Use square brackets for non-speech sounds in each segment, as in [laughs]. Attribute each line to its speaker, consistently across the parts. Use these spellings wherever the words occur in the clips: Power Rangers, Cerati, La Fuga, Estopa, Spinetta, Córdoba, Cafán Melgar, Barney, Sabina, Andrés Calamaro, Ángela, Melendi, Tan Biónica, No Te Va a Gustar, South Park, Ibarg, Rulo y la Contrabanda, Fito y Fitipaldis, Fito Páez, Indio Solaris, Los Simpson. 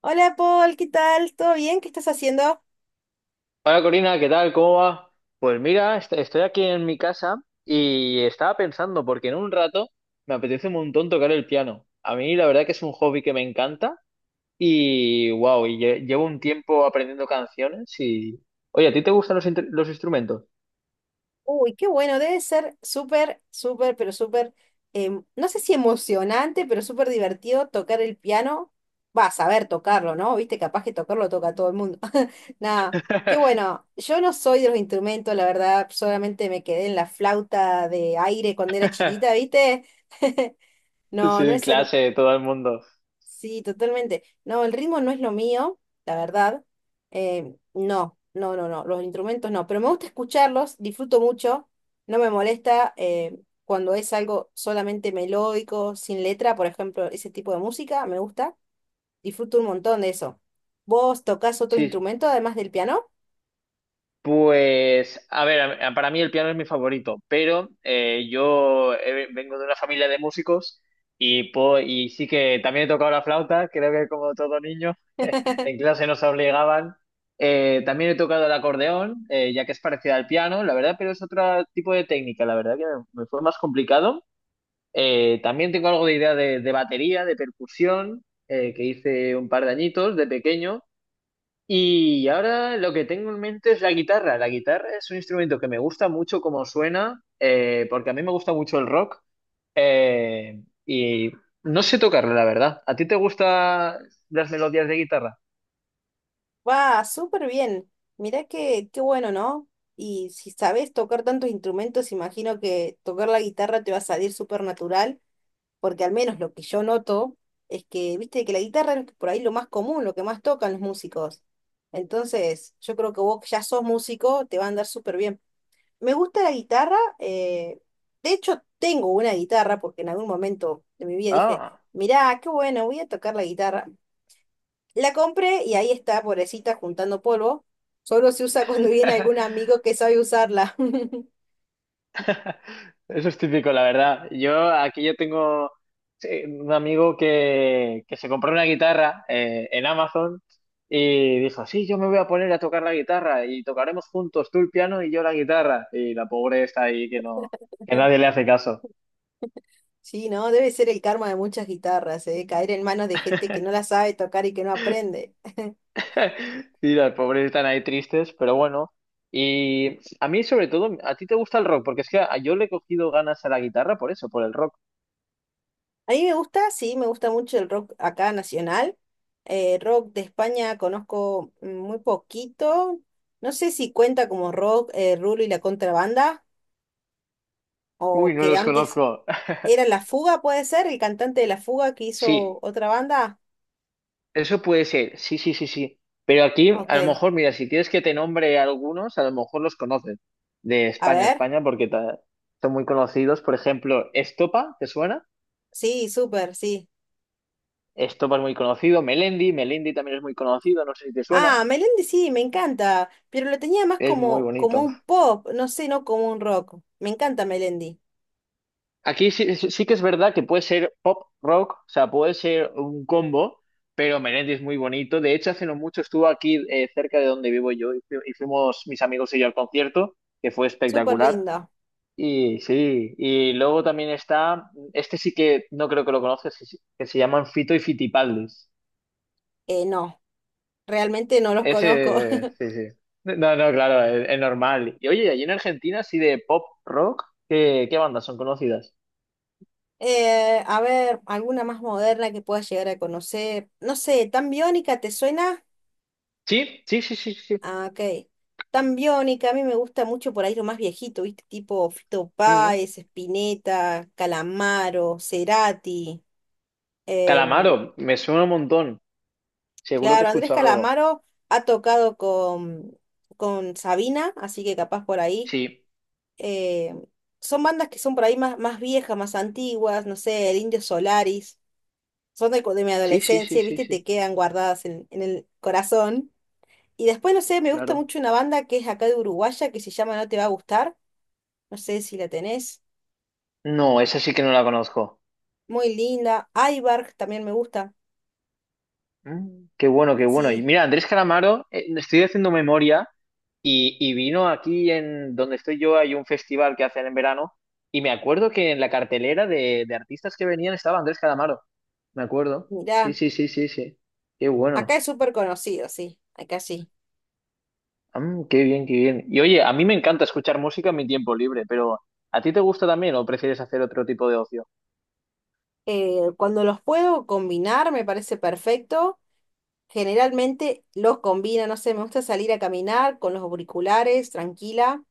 Speaker 1: Hola Paul, ¿qué tal? ¿Todo bien? ¿Qué estás haciendo?
Speaker 2: Hola Corina, ¿qué tal? ¿Cómo va? Pues mira, estoy aquí en mi casa y estaba pensando, porque en un rato me apetece un montón tocar el piano. A mí la verdad que es un hobby que me encanta y wow, y llevo un tiempo aprendiendo canciones Oye, ¿a ti te gustan los instrumentos?
Speaker 1: Uy, qué bueno, debe ser súper, súper, pero súper, no sé si emocionante, pero súper divertido tocar el piano. Va a saber tocarlo, ¿no? Viste, capaz que tocarlo toca todo el mundo. [laughs] Nada, qué
Speaker 2: [laughs]
Speaker 1: bueno. Yo no soy de los instrumentos, la verdad, solamente me quedé en la flauta de aire cuando era chiquita, ¿viste? No,
Speaker 2: Sí,
Speaker 1: no
Speaker 2: en
Speaker 1: es,
Speaker 2: clase, todo el mundo.
Speaker 1: Sí, totalmente. No, el ritmo no es lo mío, la verdad. No, no, no, no, los instrumentos no, pero me gusta escucharlos, disfruto mucho, no me molesta cuando es algo solamente melódico, sin letra, por ejemplo, ese tipo de música, me gusta, disfruto un montón de eso. ¿Vos tocás otro
Speaker 2: Sí.
Speaker 1: instrumento además del piano?
Speaker 2: Pues, a ver, para mí el piano es mi favorito, pero yo vengo de una familia de músicos y, y sí que también he tocado la flauta, creo que como todo niño, en clase nos obligaban. También he tocado el acordeón, ya que es parecida al piano, la verdad, pero es otro tipo de técnica, la verdad que me fue más complicado. También tengo algo de idea de batería, de percusión, que hice un par de añitos de pequeño. Y ahora lo que tengo en mente es la guitarra. La guitarra es un instrumento que me gusta mucho como suena, porque a mí me gusta mucho el rock, eh, y no sé tocarlo, la verdad. ¿A ti te gustan las melodías de guitarra?
Speaker 1: Va, súper bien. Mirá que, qué bueno, ¿no? Y si sabés tocar tantos instrumentos, imagino que tocar la guitarra te va a salir súper natural porque al menos lo que yo noto es que, viste, que la guitarra es por ahí lo más común, lo que más tocan los músicos. Entonces, yo creo que vos que ya sos músico, te va a andar súper bien. Me gusta la guitarra, de hecho tengo una guitarra porque en algún momento de mi vida dije,
Speaker 2: Ah.
Speaker 1: mirá, qué bueno, voy a tocar la guitarra. La compré y ahí está, pobrecita, juntando polvo. Solo se usa cuando viene algún amigo que sabe usarla. [laughs]
Speaker 2: Eso es típico, la verdad. Yo aquí yo tengo sí, un amigo que se compró una guitarra en Amazon y dijo, sí, yo me voy a poner a tocar la guitarra y tocaremos juntos, tú el piano y yo la guitarra. Y la pobre está ahí que no, que nadie le hace caso.
Speaker 1: Sí, ¿no? Debe ser el karma de muchas guitarras, ¿eh? Caer en manos de gente que no la sabe tocar y que no aprende.
Speaker 2: [laughs] Y las pobres están ahí tristes, pero bueno. Y a mí sobre todo, a ti te gusta el rock, porque es que yo le he cogido ganas a la guitarra por eso, por el rock.
Speaker 1: A mí me gusta, sí, me gusta mucho el rock acá nacional. Rock de España conozco mm, muy poquito. No sé si cuenta como rock Rulo y la Contrabanda, o
Speaker 2: Uy, no
Speaker 1: que
Speaker 2: los
Speaker 1: antes
Speaker 2: conozco. [laughs]
Speaker 1: era La Fuga, puede ser, el cantante de La Fuga que
Speaker 2: Sí.
Speaker 1: hizo otra banda.
Speaker 2: Eso puede ser, sí, sí, sí, sí. Pero aquí,
Speaker 1: Ok,
Speaker 2: a lo mejor, mira, si quieres que te nombre algunos, a lo mejor los conoces de
Speaker 1: a
Speaker 2: España,
Speaker 1: ver.
Speaker 2: España, porque son muy conocidos. Por ejemplo, Estopa, ¿te suena?
Speaker 1: Sí, súper, sí.
Speaker 2: Estopa es muy conocido. Melendi, Melendi también es muy conocido, no sé si te suena.
Speaker 1: Ah, Melendi sí, me encanta, pero lo tenía más
Speaker 2: Es muy
Speaker 1: como, como
Speaker 2: bonito.
Speaker 1: un pop, no sé, no como un rock. Me encanta Melendi,
Speaker 2: Aquí sí, sí que es verdad que puede ser pop rock, o sea, puede ser un combo, pero Melendi es muy bonito. De hecho, hace no mucho estuvo aquí cerca de donde vivo yo y y fuimos mis amigos y yo al concierto, que fue
Speaker 1: súper
Speaker 2: espectacular.
Speaker 1: lindo.
Speaker 2: Y sí, y luego también está, este sí que no creo que lo conozcas, que se llaman Fito y Fitipaldis.
Speaker 1: No, realmente no los conozco.
Speaker 2: Ese, sí, sí. No, no, claro, es normal. Y oye, allí en Argentina, así de pop rock, ¿qué bandas son conocidas?
Speaker 1: A ver, alguna más moderna que puedas llegar a conocer. No sé, ¿Tan Biónica te suena?
Speaker 2: Sí, sí, sí, sí, sí.
Speaker 1: Ah, ok. Tan Biónica, a mí me gusta mucho por ahí lo más viejito, ¿viste? Tipo Fito
Speaker 2: Mm.
Speaker 1: Páez, Spinetta, Calamaro, Cerati. Em,
Speaker 2: Calamaro, me suena un montón. Seguro que he
Speaker 1: claro, Andrés
Speaker 2: escuchado algo.
Speaker 1: Calamaro ha tocado con Sabina, así que capaz por ahí.
Speaker 2: Sí,
Speaker 1: em, Son bandas que son por ahí más, más viejas, más antiguas, no sé, el Indio Solaris. Son de, de mi
Speaker 2: sí, sí, sí,
Speaker 1: adolescencia,
Speaker 2: sí,
Speaker 1: ¿viste? Te
Speaker 2: sí,
Speaker 1: quedan guardadas en el corazón. Y después, no sé, me gusta
Speaker 2: claro.
Speaker 1: mucho una banda que es acá de Uruguaya que se llama No Te Va a Gustar. No sé si la tenés.
Speaker 2: No, esa sí que no la conozco.
Speaker 1: Muy linda. Ibarg también me gusta.
Speaker 2: Mm, qué bueno, qué bueno. Y
Speaker 1: Sí,
Speaker 2: mira, Andrés Calamaro, estoy haciendo memoria y vino aquí en donde estoy yo, hay un festival que hacen en verano y me acuerdo que en la cartelera de artistas que venían estaba Andrés Calamaro. Me acuerdo. Sí,
Speaker 1: mirá.
Speaker 2: sí, sí, sí, sí. Qué
Speaker 1: Acá
Speaker 2: bueno.
Speaker 1: es súper conocido, sí. Acá sí.
Speaker 2: Mm, qué bien, qué bien. Y oye, a mí me encanta escuchar música en mi tiempo libre, pero ¿a ti te gusta también o prefieres hacer otro tipo de ocio?
Speaker 1: Cuando los puedo combinar me parece perfecto. Generalmente los combina, no sé, me gusta salir a caminar con los auriculares, tranquila.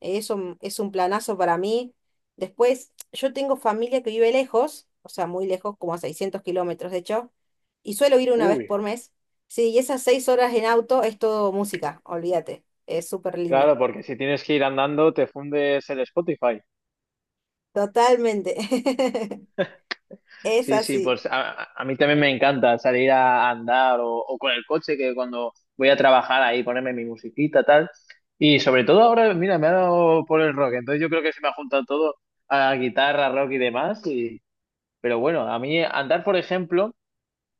Speaker 1: Eso es un planazo para mí. Después, yo tengo familia que vive lejos, o sea, muy lejos, como a 600 kilómetros de hecho, y suelo ir una vez
Speaker 2: Uy,
Speaker 1: por mes. Sí, y esas 6 horas en auto es todo música, olvídate, es súper lindo.
Speaker 2: claro, porque si tienes que ir andando, te fundes el Spotify.
Speaker 1: Totalmente. [laughs] Es
Speaker 2: Sí, sí,
Speaker 1: así.
Speaker 2: pues a mí también me encanta salir a andar o con el coche, que cuando voy a trabajar ahí ponerme mi musiquita, tal. Y sobre todo ahora, mira, me ha dado por el rock, entonces yo creo que se me ha juntado todo a guitarra, rock y demás. Pero bueno, a mí andar, por ejemplo,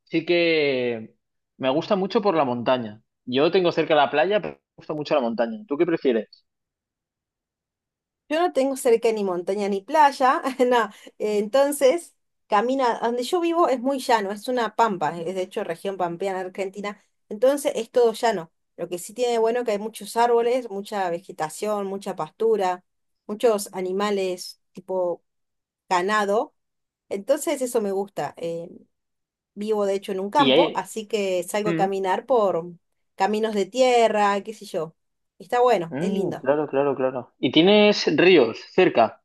Speaker 2: sí que me gusta mucho por la montaña. Yo tengo cerca la playa, pero me gusta mucho la montaña. ¿Tú qué prefieres?
Speaker 1: Yo no tengo cerca ni montaña ni playa, [laughs] no. Entonces, camina, donde yo vivo es muy llano, es una pampa, es de hecho región pampeana argentina, entonces es todo llano. Lo que sí tiene de bueno que hay muchos árboles, mucha vegetación, mucha pastura, muchos animales tipo ganado. Entonces eso me gusta. Vivo de hecho en un
Speaker 2: Y
Speaker 1: campo,
Speaker 2: ahí...
Speaker 1: así que salgo a
Speaker 2: Mm,
Speaker 1: caminar por caminos de tierra, qué sé yo. Está bueno, es
Speaker 2: mm,
Speaker 1: lindo.
Speaker 2: claro, claro, claro. ¿Y tienes ríos cerca?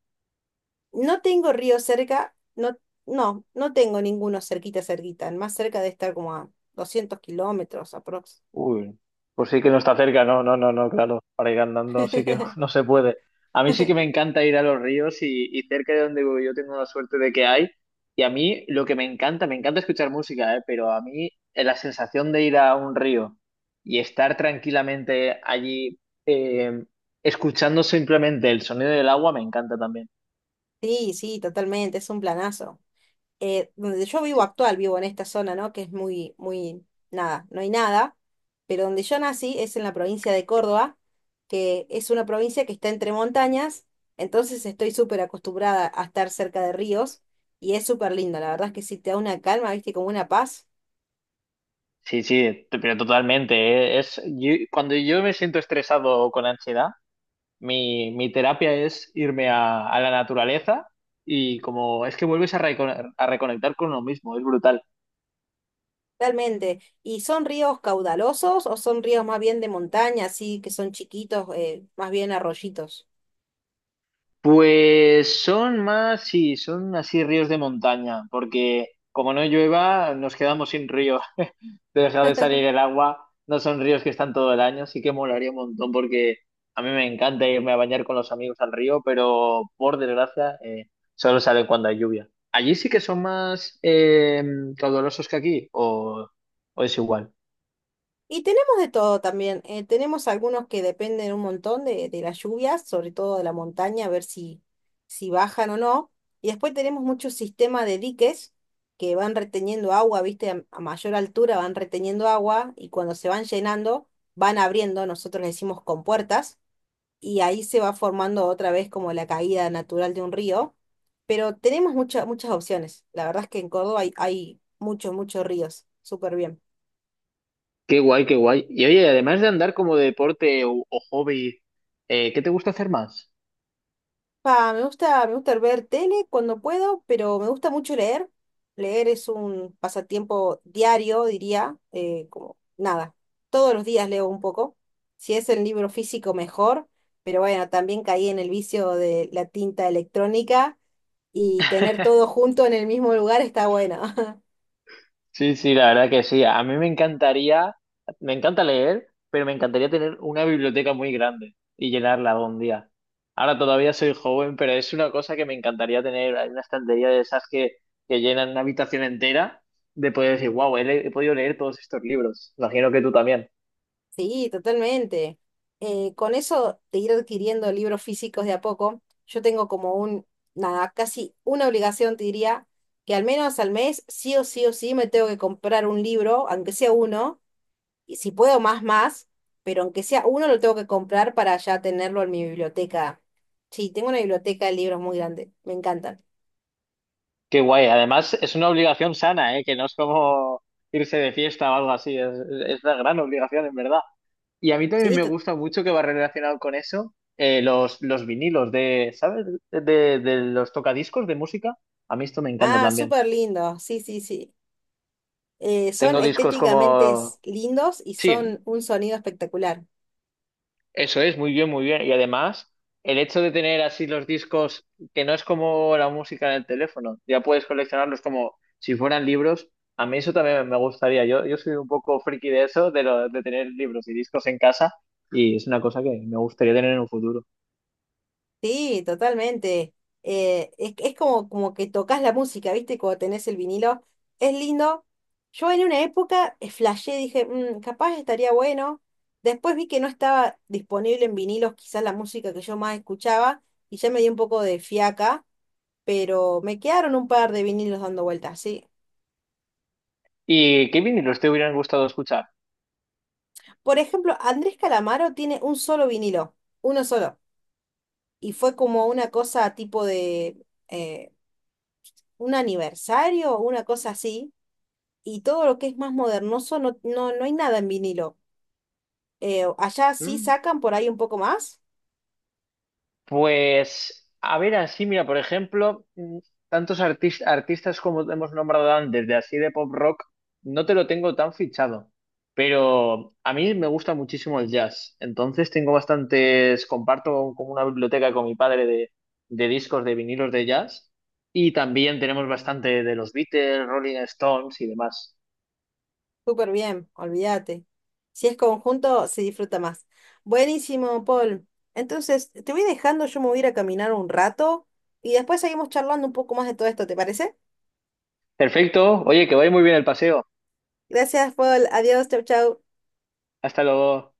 Speaker 1: No tengo río cerca, no, no, no tengo ninguno cerquita, cerquita. El más cerca de estar como a 200 kilómetros aprox.
Speaker 2: Uy, pues sí que no está cerca, no, no, no, no, claro, para ir andando sí que [laughs] no, no
Speaker 1: [laughs]
Speaker 2: se puede. A mí sí que me encanta ir a los ríos y cerca de donde vivo yo tengo la suerte de que hay. Y a mí lo que me encanta escuchar música, ¿eh? Pero a mí la sensación de ir a un río y estar tranquilamente allí eh, escuchando simplemente el sonido del agua me encanta también.
Speaker 1: Sí, sí, totalmente, es un planazo. Donde yo vivo
Speaker 2: Sí,
Speaker 1: actual, vivo en esta zona, ¿no? Que es muy, muy, nada, no hay nada, pero donde yo nací es en la provincia de Córdoba, que es una provincia que está entre montañas, entonces estoy súper acostumbrada a estar cerca de ríos y es súper lindo, la verdad es que sí, te da una calma, viste, como una paz.
Speaker 2: sí, sí, pero totalmente. ¿Eh? Cuando yo me siento estresado o con ansiedad, mi terapia es irme a la naturaleza y como es que vuelves a, a reconectar con uno mismo, es brutal.
Speaker 1: Totalmente. ¿Y son ríos caudalosos o son ríos más bien de montaña, así que son chiquitos, más bien arroyitos?
Speaker 2: Pues son más, sí, son así ríos de montaña, porque como no llueva, nos quedamos sin río. [laughs] Te deja de salir el agua, no son ríos que están todo el año, sí que molaría un montón porque a mí me encanta irme a bañar con los amigos al río, pero por desgracia solo salen cuando hay lluvia. Allí sí que son más caudalosos que aquí, o es igual.
Speaker 1: Y tenemos de todo también. Tenemos algunos que dependen un montón de las lluvias, sobre todo de la montaña, a ver si, si bajan o no. Y después tenemos muchos sistemas de diques que van reteniendo agua, ¿viste? A mayor altura van reteniendo agua y cuando se van llenando van abriendo, nosotros le decimos compuertas y ahí se va formando otra vez como la caída natural de un río, pero tenemos muchas opciones. La verdad es que en Córdoba hay, hay muchos, muchos ríos. Súper bien.
Speaker 2: Qué guay, qué guay. Y oye, además de andar como deporte o hobby, ¿qué te gusta hacer más?
Speaker 1: Pa, me gusta ver tele cuando puedo, pero me gusta mucho leer. Leer es un pasatiempo diario, diría, como nada. Todos los días leo un poco. Si es el libro físico, mejor. Pero bueno, también caí en el vicio de la tinta electrónica y tener todo junto en el mismo lugar está bueno. [laughs]
Speaker 2: Sí, sí, la verdad que sí. A mí me encantaría, me encanta leer, pero me encantaría tener una biblioteca muy grande y llenarla algún día. Ahora todavía soy joven, pero es una cosa que me encantaría tener. Hay una estantería de esas que llenan una habitación entera de poder decir, wow, he podido leer todos estos libros. Imagino que tú también.
Speaker 1: Sí, totalmente. Con eso de ir adquiriendo libros físicos de a poco, yo tengo como nada, casi una obligación, te diría, que al menos al mes, sí o sí o sí, me tengo que comprar un libro, aunque sea uno, y si puedo más, más, pero aunque sea uno, lo tengo que comprar para ya tenerlo en mi biblioteca. Sí, tengo una biblioteca de libros muy grande, me encantan.
Speaker 2: Qué guay. Además, es una obligación sana, ¿eh? Que no es como irse de fiesta o algo así. Es una gran obligación, en verdad. Y a mí también
Speaker 1: Sí,
Speaker 2: me gusta mucho que va relacionado con eso, los vinilos de, ¿sabes? De los tocadiscos de música. A mí esto me encanta
Speaker 1: ah,
Speaker 2: también.
Speaker 1: súper lindo, sí, sí, sí. Son
Speaker 2: Tengo discos
Speaker 1: estéticamente
Speaker 2: como...
Speaker 1: lindos y
Speaker 2: Sí,
Speaker 1: son un sonido espectacular.
Speaker 2: eso es, muy bien, muy bien. Y además, el hecho de tener así los discos, que no es como la música en el teléfono, ya puedes coleccionarlos como si fueran libros. A mí eso también me gustaría. Yo soy un poco friki de eso, de tener libros y discos en casa, y es una cosa que me gustaría tener en un futuro.
Speaker 1: Sí, totalmente. Es como, como que tocas la música, ¿viste? Cuando tenés el vinilo. Es lindo. Yo en una época flashé, dije, "Mm, capaz estaría bueno. Después vi que no estaba disponible en vinilos quizás la música que yo más escuchaba y ya me dio un poco de fiaca, pero me quedaron un par de vinilos dando vueltas, sí.
Speaker 2: ¿Y qué vinilos te hubieran gustado escuchar?
Speaker 1: Por ejemplo, Andrés Calamaro tiene un solo vinilo, uno solo. Y fue como una cosa tipo de un aniversario una cosa así y todo lo que es más modernoso, no, no, no hay nada en vinilo. Allá sí
Speaker 2: Mm,
Speaker 1: sacan por ahí un poco más.
Speaker 2: pues, a ver, así, mira, por ejemplo, mm, tantos artistas como hemos nombrado antes, de así de pop rock, no te lo tengo tan fichado, pero a mí me gusta muchísimo el jazz, entonces tengo bastantes, comparto como una biblioteca con mi padre de discos de vinilos de jazz y también tenemos bastante de los Beatles, Rolling Stones y demás.
Speaker 1: Súper bien, olvídate. Si es conjunto, se disfruta más. Buenísimo, Paul. Entonces, te voy dejando, yo me voy a ir a caminar un rato y después seguimos charlando un poco más de todo esto, ¿te parece?
Speaker 2: Perfecto, oye, que vaya muy bien el paseo.
Speaker 1: Gracias, Paul. Adiós, chau, chau.
Speaker 2: Hasta luego.